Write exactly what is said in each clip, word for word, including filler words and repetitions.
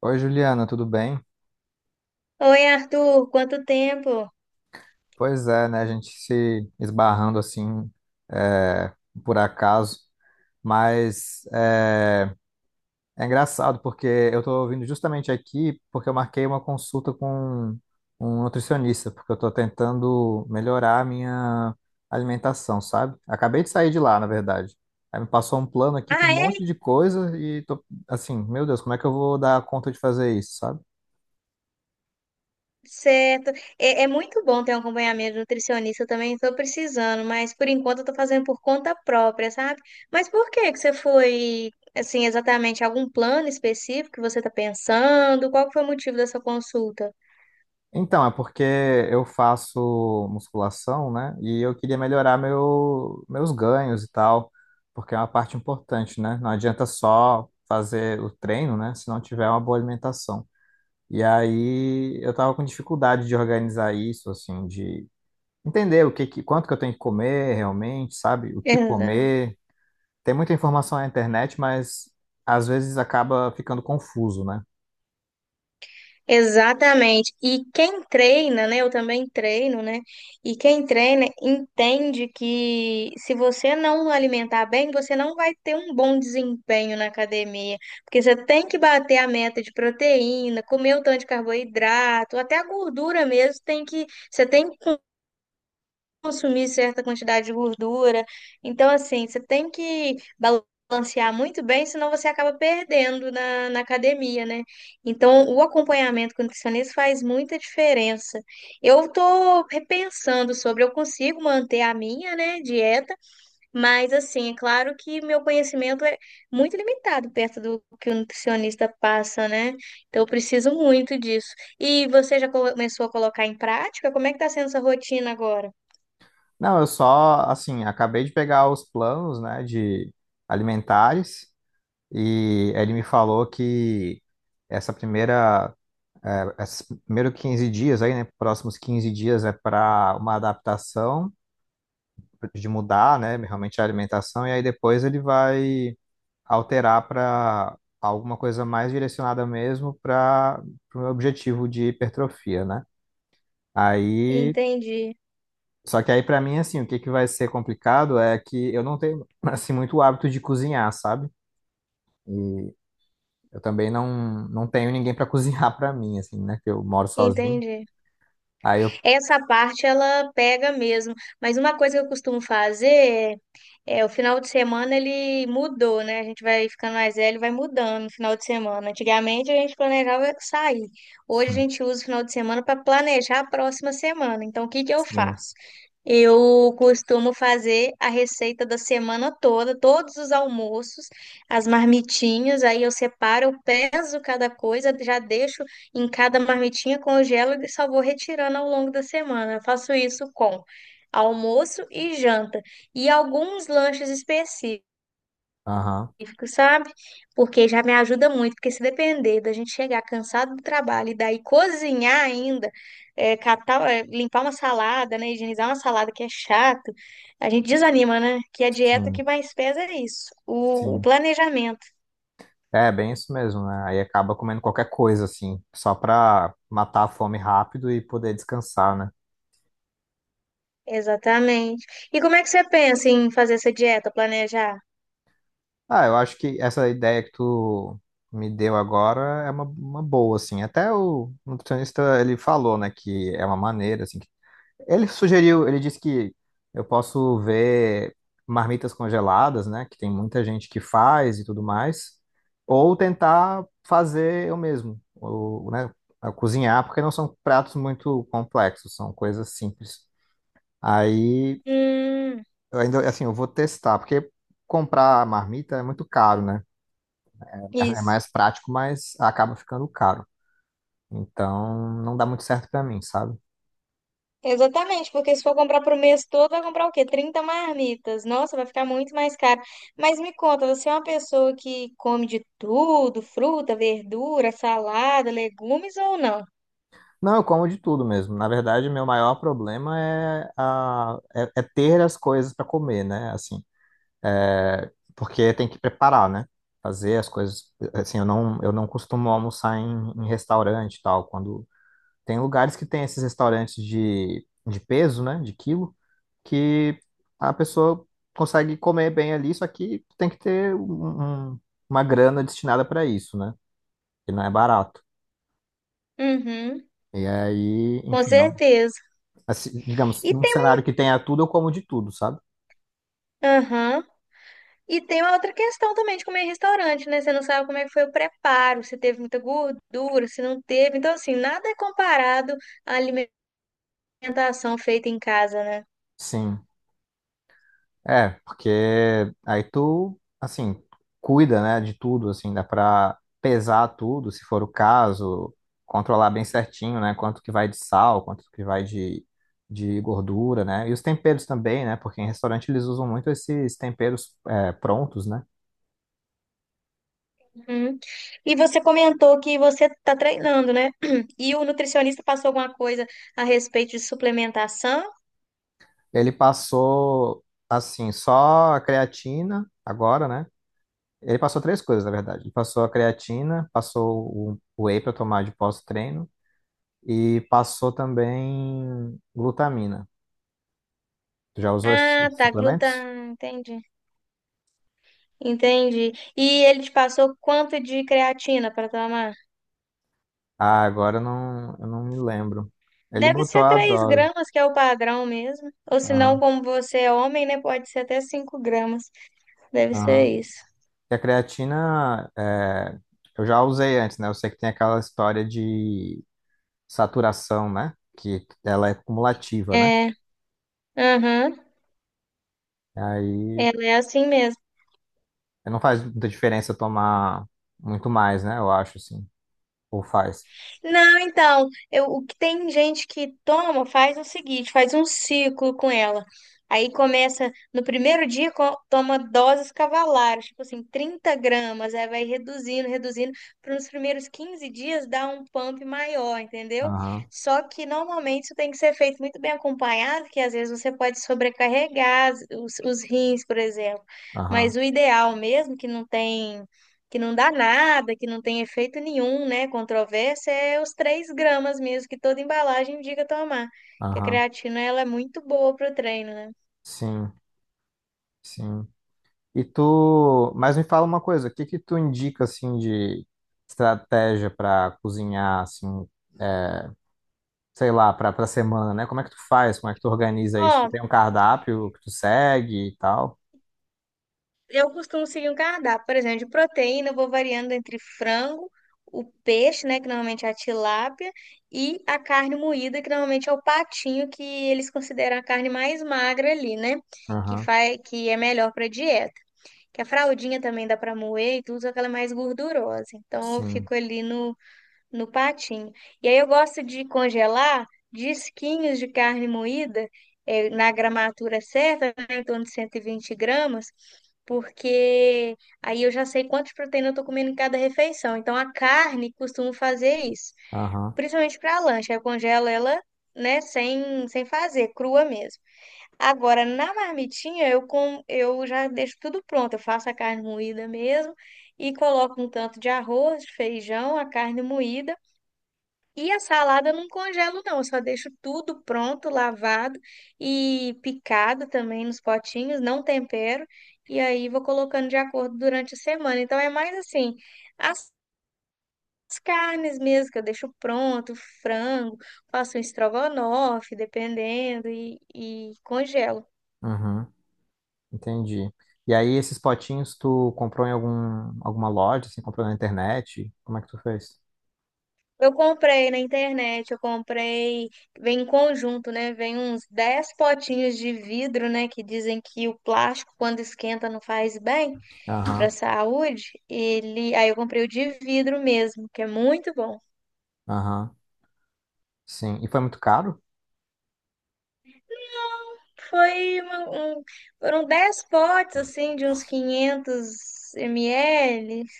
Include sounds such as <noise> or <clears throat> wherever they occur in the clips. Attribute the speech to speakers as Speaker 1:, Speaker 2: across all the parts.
Speaker 1: Oi, Juliana, tudo bem?
Speaker 2: Oi, Arthur, quanto tempo?
Speaker 1: Pois é, né? A gente se esbarrando assim, é, por acaso, mas é, é engraçado porque eu tô vindo justamente aqui porque eu marquei uma consulta com um nutricionista, porque eu tô tentando melhorar a minha alimentação, sabe? Acabei de sair de lá, na verdade. Aí me passou um plano aqui com
Speaker 2: Ah,
Speaker 1: um monte
Speaker 2: é?
Speaker 1: de coisa e tô assim, meu Deus, como é que eu vou dar conta de fazer isso, sabe?
Speaker 2: Certo. É, é muito bom ter um acompanhamento nutricionista, eu também estou precisando, mas por enquanto eu estou fazendo por conta própria, sabe? Mas por que que você foi, assim, exatamente algum plano específico que você está pensando? Qual que foi o motivo dessa consulta?
Speaker 1: Então, é porque eu faço musculação, né? E eu queria melhorar meu, meus ganhos e tal, porque é uma parte importante, né? Não adianta só fazer o treino, né? Se não tiver uma boa alimentação. E aí eu tava com dificuldade de organizar isso, assim, de entender o que, que- quanto que eu tenho que comer realmente, sabe? O que
Speaker 2: Exato.
Speaker 1: comer. Tem muita informação na internet, mas às vezes acaba ficando confuso, né?
Speaker 2: Exatamente. E quem treina, né? Eu também treino, né? E quem treina entende que se você não alimentar bem, você não vai ter um bom desempenho na academia. Porque você tem que bater a meta de proteína, comer o tanto de carboidrato, até a gordura mesmo tem que, você tem consumir certa quantidade de gordura. Então, assim, você tem que balancear muito bem, senão você acaba perdendo na, na academia, né? Então, o acompanhamento com o nutricionista faz muita diferença. Eu tô repensando sobre, eu consigo manter a minha, né, dieta, mas, assim, é claro que meu conhecimento é muito limitado perto do que o nutricionista passa, né? Então, eu preciso muito disso. E você já começou a colocar em prática? Como é que tá sendo essa rotina agora?
Speaker 1: Não, eu só, assim, acabei de pegar os planos, né, de alimentares e ele me falou que essa primeira, eh, esses primeiros quinze dias aí, né, próximos quinze dias é para uma adaptação, de mudar, né, realmente a alimentação e aí depois ele vai alterar para alguma coisa mais direcionada mesmo para o meu objetivo de hipertrofia, né? Aí
Speaker 2: Entendi,
Speaker 1: Só que aí pra mim assim, o que que vai ser complicado é que eu não tenho <laughs> assim muito hábito de cozinhar, sabe? E eu também não não tenho ninguém pra <laughs> cozinhar pra mim assim, né, que eu moro sozinho.
Speaker 2: entendi.
Speaker 1: Aí eu
Speaker 2: Essa parte ela pega mesmo, mas uma coisa que eu costumo fazer é, é o final de semana ele mudou, né? A gente vai ficando mais velho, e vai mudando no final de semana. Antigamente a gente planejava sair. Hoje a gente usa o final de semana para planejar a próxima semana. Então o que que eu
Speaker 1: Sim,
Speaker 2: faço? Eu costumo fazer a receita da semana toda, todos os almoços, as marmitinhas, aí eu separo, eu peso cada coisa, já deixo em cada marmitinha, congelo e só vou retirando ao longo da semana. Eu faço isso com almoço e janta e alguns lanches específicos,
Speaker 1: aham.
Speaker 2: sabe? Porque já me ajuda muito, porque se depender da gente chegar cansado do trabalho e daí cozinhar ainda, é, catar, é, limpar uma salada, né, higienizar uma salada que é chato, a gente desanima, né? Que a dieta que
Speaker 1: Sim,
Speaker 2: mais pesa é isso, o o
Speaker 1: sim.
Speaker 2: planejamento.
Speaker 1: É bem isso mesmo, né? Aí acaba comendo qualquer coisa assim, só pra matar a fome rápido e poder descansar, né?
Speaker 2: Exatamente. E como é que você pensa em fazer essa dieta, planejar?
Speaker 1: Ah, eu acho que essa ideia que tu me deu agora é uma, uma boa, assim. Até o nutricionista, ele falou, né, que é uma maneira, assim, que ele sugeriu, ele disse que eu posso ver marmitas congeladas, né? Que tem muita gente que faz e tudo mais. Ou tentar fazer eu mesmo, ou, né? a Cozinhar, porque não são pratos muito complexos, são coisas simples. Aí,
Speaker 2: Hum,
Speaker 1: eu ainda, assim, eu vou testar, porque comprar a marmita é muito caro, né? É
Speaker 2: Isso.
Speaker 1: mais prático, mas acaba ficando caro. Então, não dá muito certo para mim, sabe?
Speaker 2: Exatamente, porque se for comprar pro mês todo, vai comprar o quê? Trinta marmitas. Nossa, vai ficar muito mais caro. Mas me conta, você é uma pessoa que come de tudo, fruta, verdura, salada, legumes ou não?
Speaker 1: Não, eu como de tudo mesmo. Na verdade, meu maior problema é, a, é, é ter as coisas para comer, né? Assim, é, porque tem que preparar, né? Fazer as coisas. Assim, eu não, eu não costumo almoçar em, em restaurante e tal. Quando tem lugares que tem esses restaurantes de, de peso, né? De quilo, que a pessoa consegue comer bem ali, só que tem que ter um- um- uma grana destinada para isso, né? Que não é barato.
Speaker 2: Uhum,
Speaker 1: E aí,
Speaker 2: com
Speaker 1: enfim, não.
Speaker 2: certeza.
Speaker 1: Assim, digamos,
Speaker 2: E
Speaker 1: num
Speaker 2: tem,
Speaker 1: cenário que tenha tudo, eu como de tudo, sabe?
Speaker 2: aham. E tem uma outra questão também de comer em restaurante, né? Você não sabe como é que foi o preparo, se teve muita gordura, se não teve. Então, assim, nada é comparado à alimentação feita em casa, né?
Speaker 1: Sim. É, porque aí tu, assim, cuida, né, de tudo, assim, dá pra pesar tudo, se for o caso, controlar bem certinho, né, quanto que vai de sal, quanto que vai de, de gordura, né, e os temperos também, né, porque em restaurante eles usam muito esses temperos é, prontos, né.
Speaker 2: Uhum. E você comentou que você está treinando, né? <clears throat> E o nutricionista passou alguma coisa a respeito de suplementação?
Speaker 1: Ele passou, assim, só a creatina agora, né. Ele passou três coisas, na verdade. Ele passou a creatina, passou o o whey para tomar de pós-treino e passou também glutamina. Tu já usou esses
Speaker 2: Ah, tá, gluta,
Speaker 1: suplementos?
Speaker 2: entendi. Entendi. E ele te passou quanto de creatina para tomar?
Speaker 1: Ah, agora eu não, eu não me lembro. Ele
Speaker 2: Deve
Speaker 1: botou
Speaker 2: ser
Speaker 1: a
Speaker 2: três
Speaker 1: dose.
Speaker 2: gramas, que é o padrão mesmo. Ou se não,
Speaker 1: Aham,
Speaker 2: como você é homem, né? Pode ser até cinco gramas. Deve ser
Speaker 1: aham.
Speaker 2: isso.
Speaker 1: E a creatina, é, eu já usei antes, né? Eu sei que tem aquela história de saturação, né? Que ela é cumulativa, né?
Speaker 2: É, aham.
Speaker 1: Aí
Speaker 2: Ela é assim mesmo.
Speaker 1: não faz muita diferença tomar muito mais, né? Eu acho, assim. Ou faz.
Speaker 2: Não, então, eu, o que tem gente que toma, faz o seguinte, faz um ciclo com ela. Aí começa, no primeiro dia, co- toma doses cavalares, tipo assim, trinta gramas, aí vai reduzindo, reduzindo, para nos primeiros quinze dias dar um pump maior, entendeu?
Speaker 1: Aham,
Speaker 2: Só que normalmente isso tem que ser feito muito bem acompanhado, que às vezes você pode sobrecarregar as- os, os rins, por exemplo. Mas
Speaker 1: aham,
Speaker 2: o ideal mesmo, que não tem que não dá nada, que não tem efeito nenhum, né? Controvérsia é os três gramas mesmo que toda embalagem indica tomar. Que a
Speaker 1: aham.
Speaker 2: creatina ela é muito boa para o treino, né?
Speaker 1: Sim, sim. E tu, mas me fala uma coisa, o que que tu indica assim de estratégia para cozinhar assim, é, sei lá, para para semana, né? Como é que tu faz? Como é que tu organiza isso? Tu
Speaker 2: Ó,
Speaker 1: tem um cardápio que tu segue e tal?
Speaker 2: eu costumo seguir um cardápio, por exemplo, de proteína, eu vou variando entre frango, o peixe, né, que normalmente é a tilápia, e a carne moída, que normalmente é o patinho, que eles consideram a carne mais magra ali, né? Que
Speaker 1: Aham,
Speaker 2: faz, que é melhor para dieta. Que a fraldinha também dá para moer e tudo, só que ela é mais gordurosa. Então eu
Speaker 1: sim.
Speaker 2: fico ali no no patinho. E aí eu gosto de congelar disquinhos de carne moída, eh, na gramatura certa, né, em torno de 120 gramas, porque aí eu já sei quantas proteínas eu estou comendo em cada refeição. Então a carne costumo fazer isso,
Speaker 1: Aham,
Speaker 2: principalmente para lanche, aí eu congelo ela. Né, sem, sem fazer, crua mesmo. Agora, na marmitinha, eu, com, eu já deixo tudo pronto. Eu faço a carne moída mesmo e coloco um tanto de arroz, de feijão, a carne moída, e a salada eu não congelo, não. Eu só deixo tudo pronto, lavado e picado também nos potinhos, não tempero. E aí vou colocando de acordo durante a semana. Então é mais assim, as as carnes mesmo que eu deixo pronto, frango, faço um estrogonofe, dependendo, e, e congelo.
Speaker 1: uhum. Entendi. E aí, esses potinhos tu comprou em algum, alguma loja, assim, comprou na internet? Como é que tu fez?
Speaker 2: Eu comprei na internet, eu comprei, vem em conjunto, né? Vem uns dez potinhos de vidro, né? Que dizem que o plástico, quando esquenta, não faz bem
Speaker 1: Aham,
Speaker 2: para saúde, ele, aí eu comprei o de vidro mesmo, que é muito bom.
Speaker 1: aham, sim. E foi muito caro?
Speaker 2: Foi uma- um, foram dez potes assim de uns quinhentos mililitros.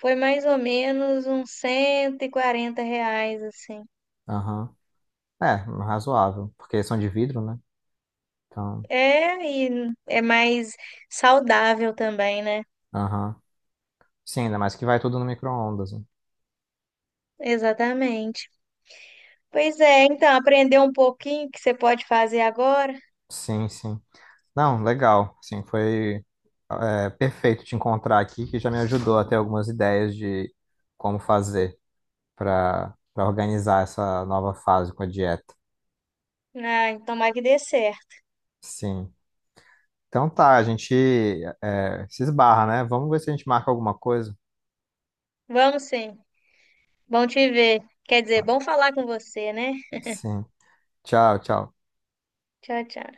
Speaker 2: Foi mais ou menos uns cento e quarenta reais assim.
Speaker 1: Aham. É, razoável, porque são de vidro, né? Então,
Speaker 2: É, e é mais saudável também, né?
Speaker 1: aham. Sim, ainda mais que vai tudo no micro-ondas, né?
Speaker 2: Exatamente. Pois é, então, aprender um pouquinho que você pode fazer agora.
Speaker 1: Sim, sim. Não, legal. Sim, foi é, perfeito te encontrar aqui, que já me ajudou a ter algumas ideias de como fazer para para organizar essa nova fase com a dieta.
Speaker 2: Ah, tomara que dê certo.
Speaker 1: Sim. Então tá, a gente é, se esbarra, né? Vamos ver se a gente marca alguma coisa.
Speaker 2: Vamos sim. Bom te ver. Quer dizer, bom falar com você, né?
Speaker 1: Sim. Tchau, tchau.
Speaker 2: Tchau, tchau.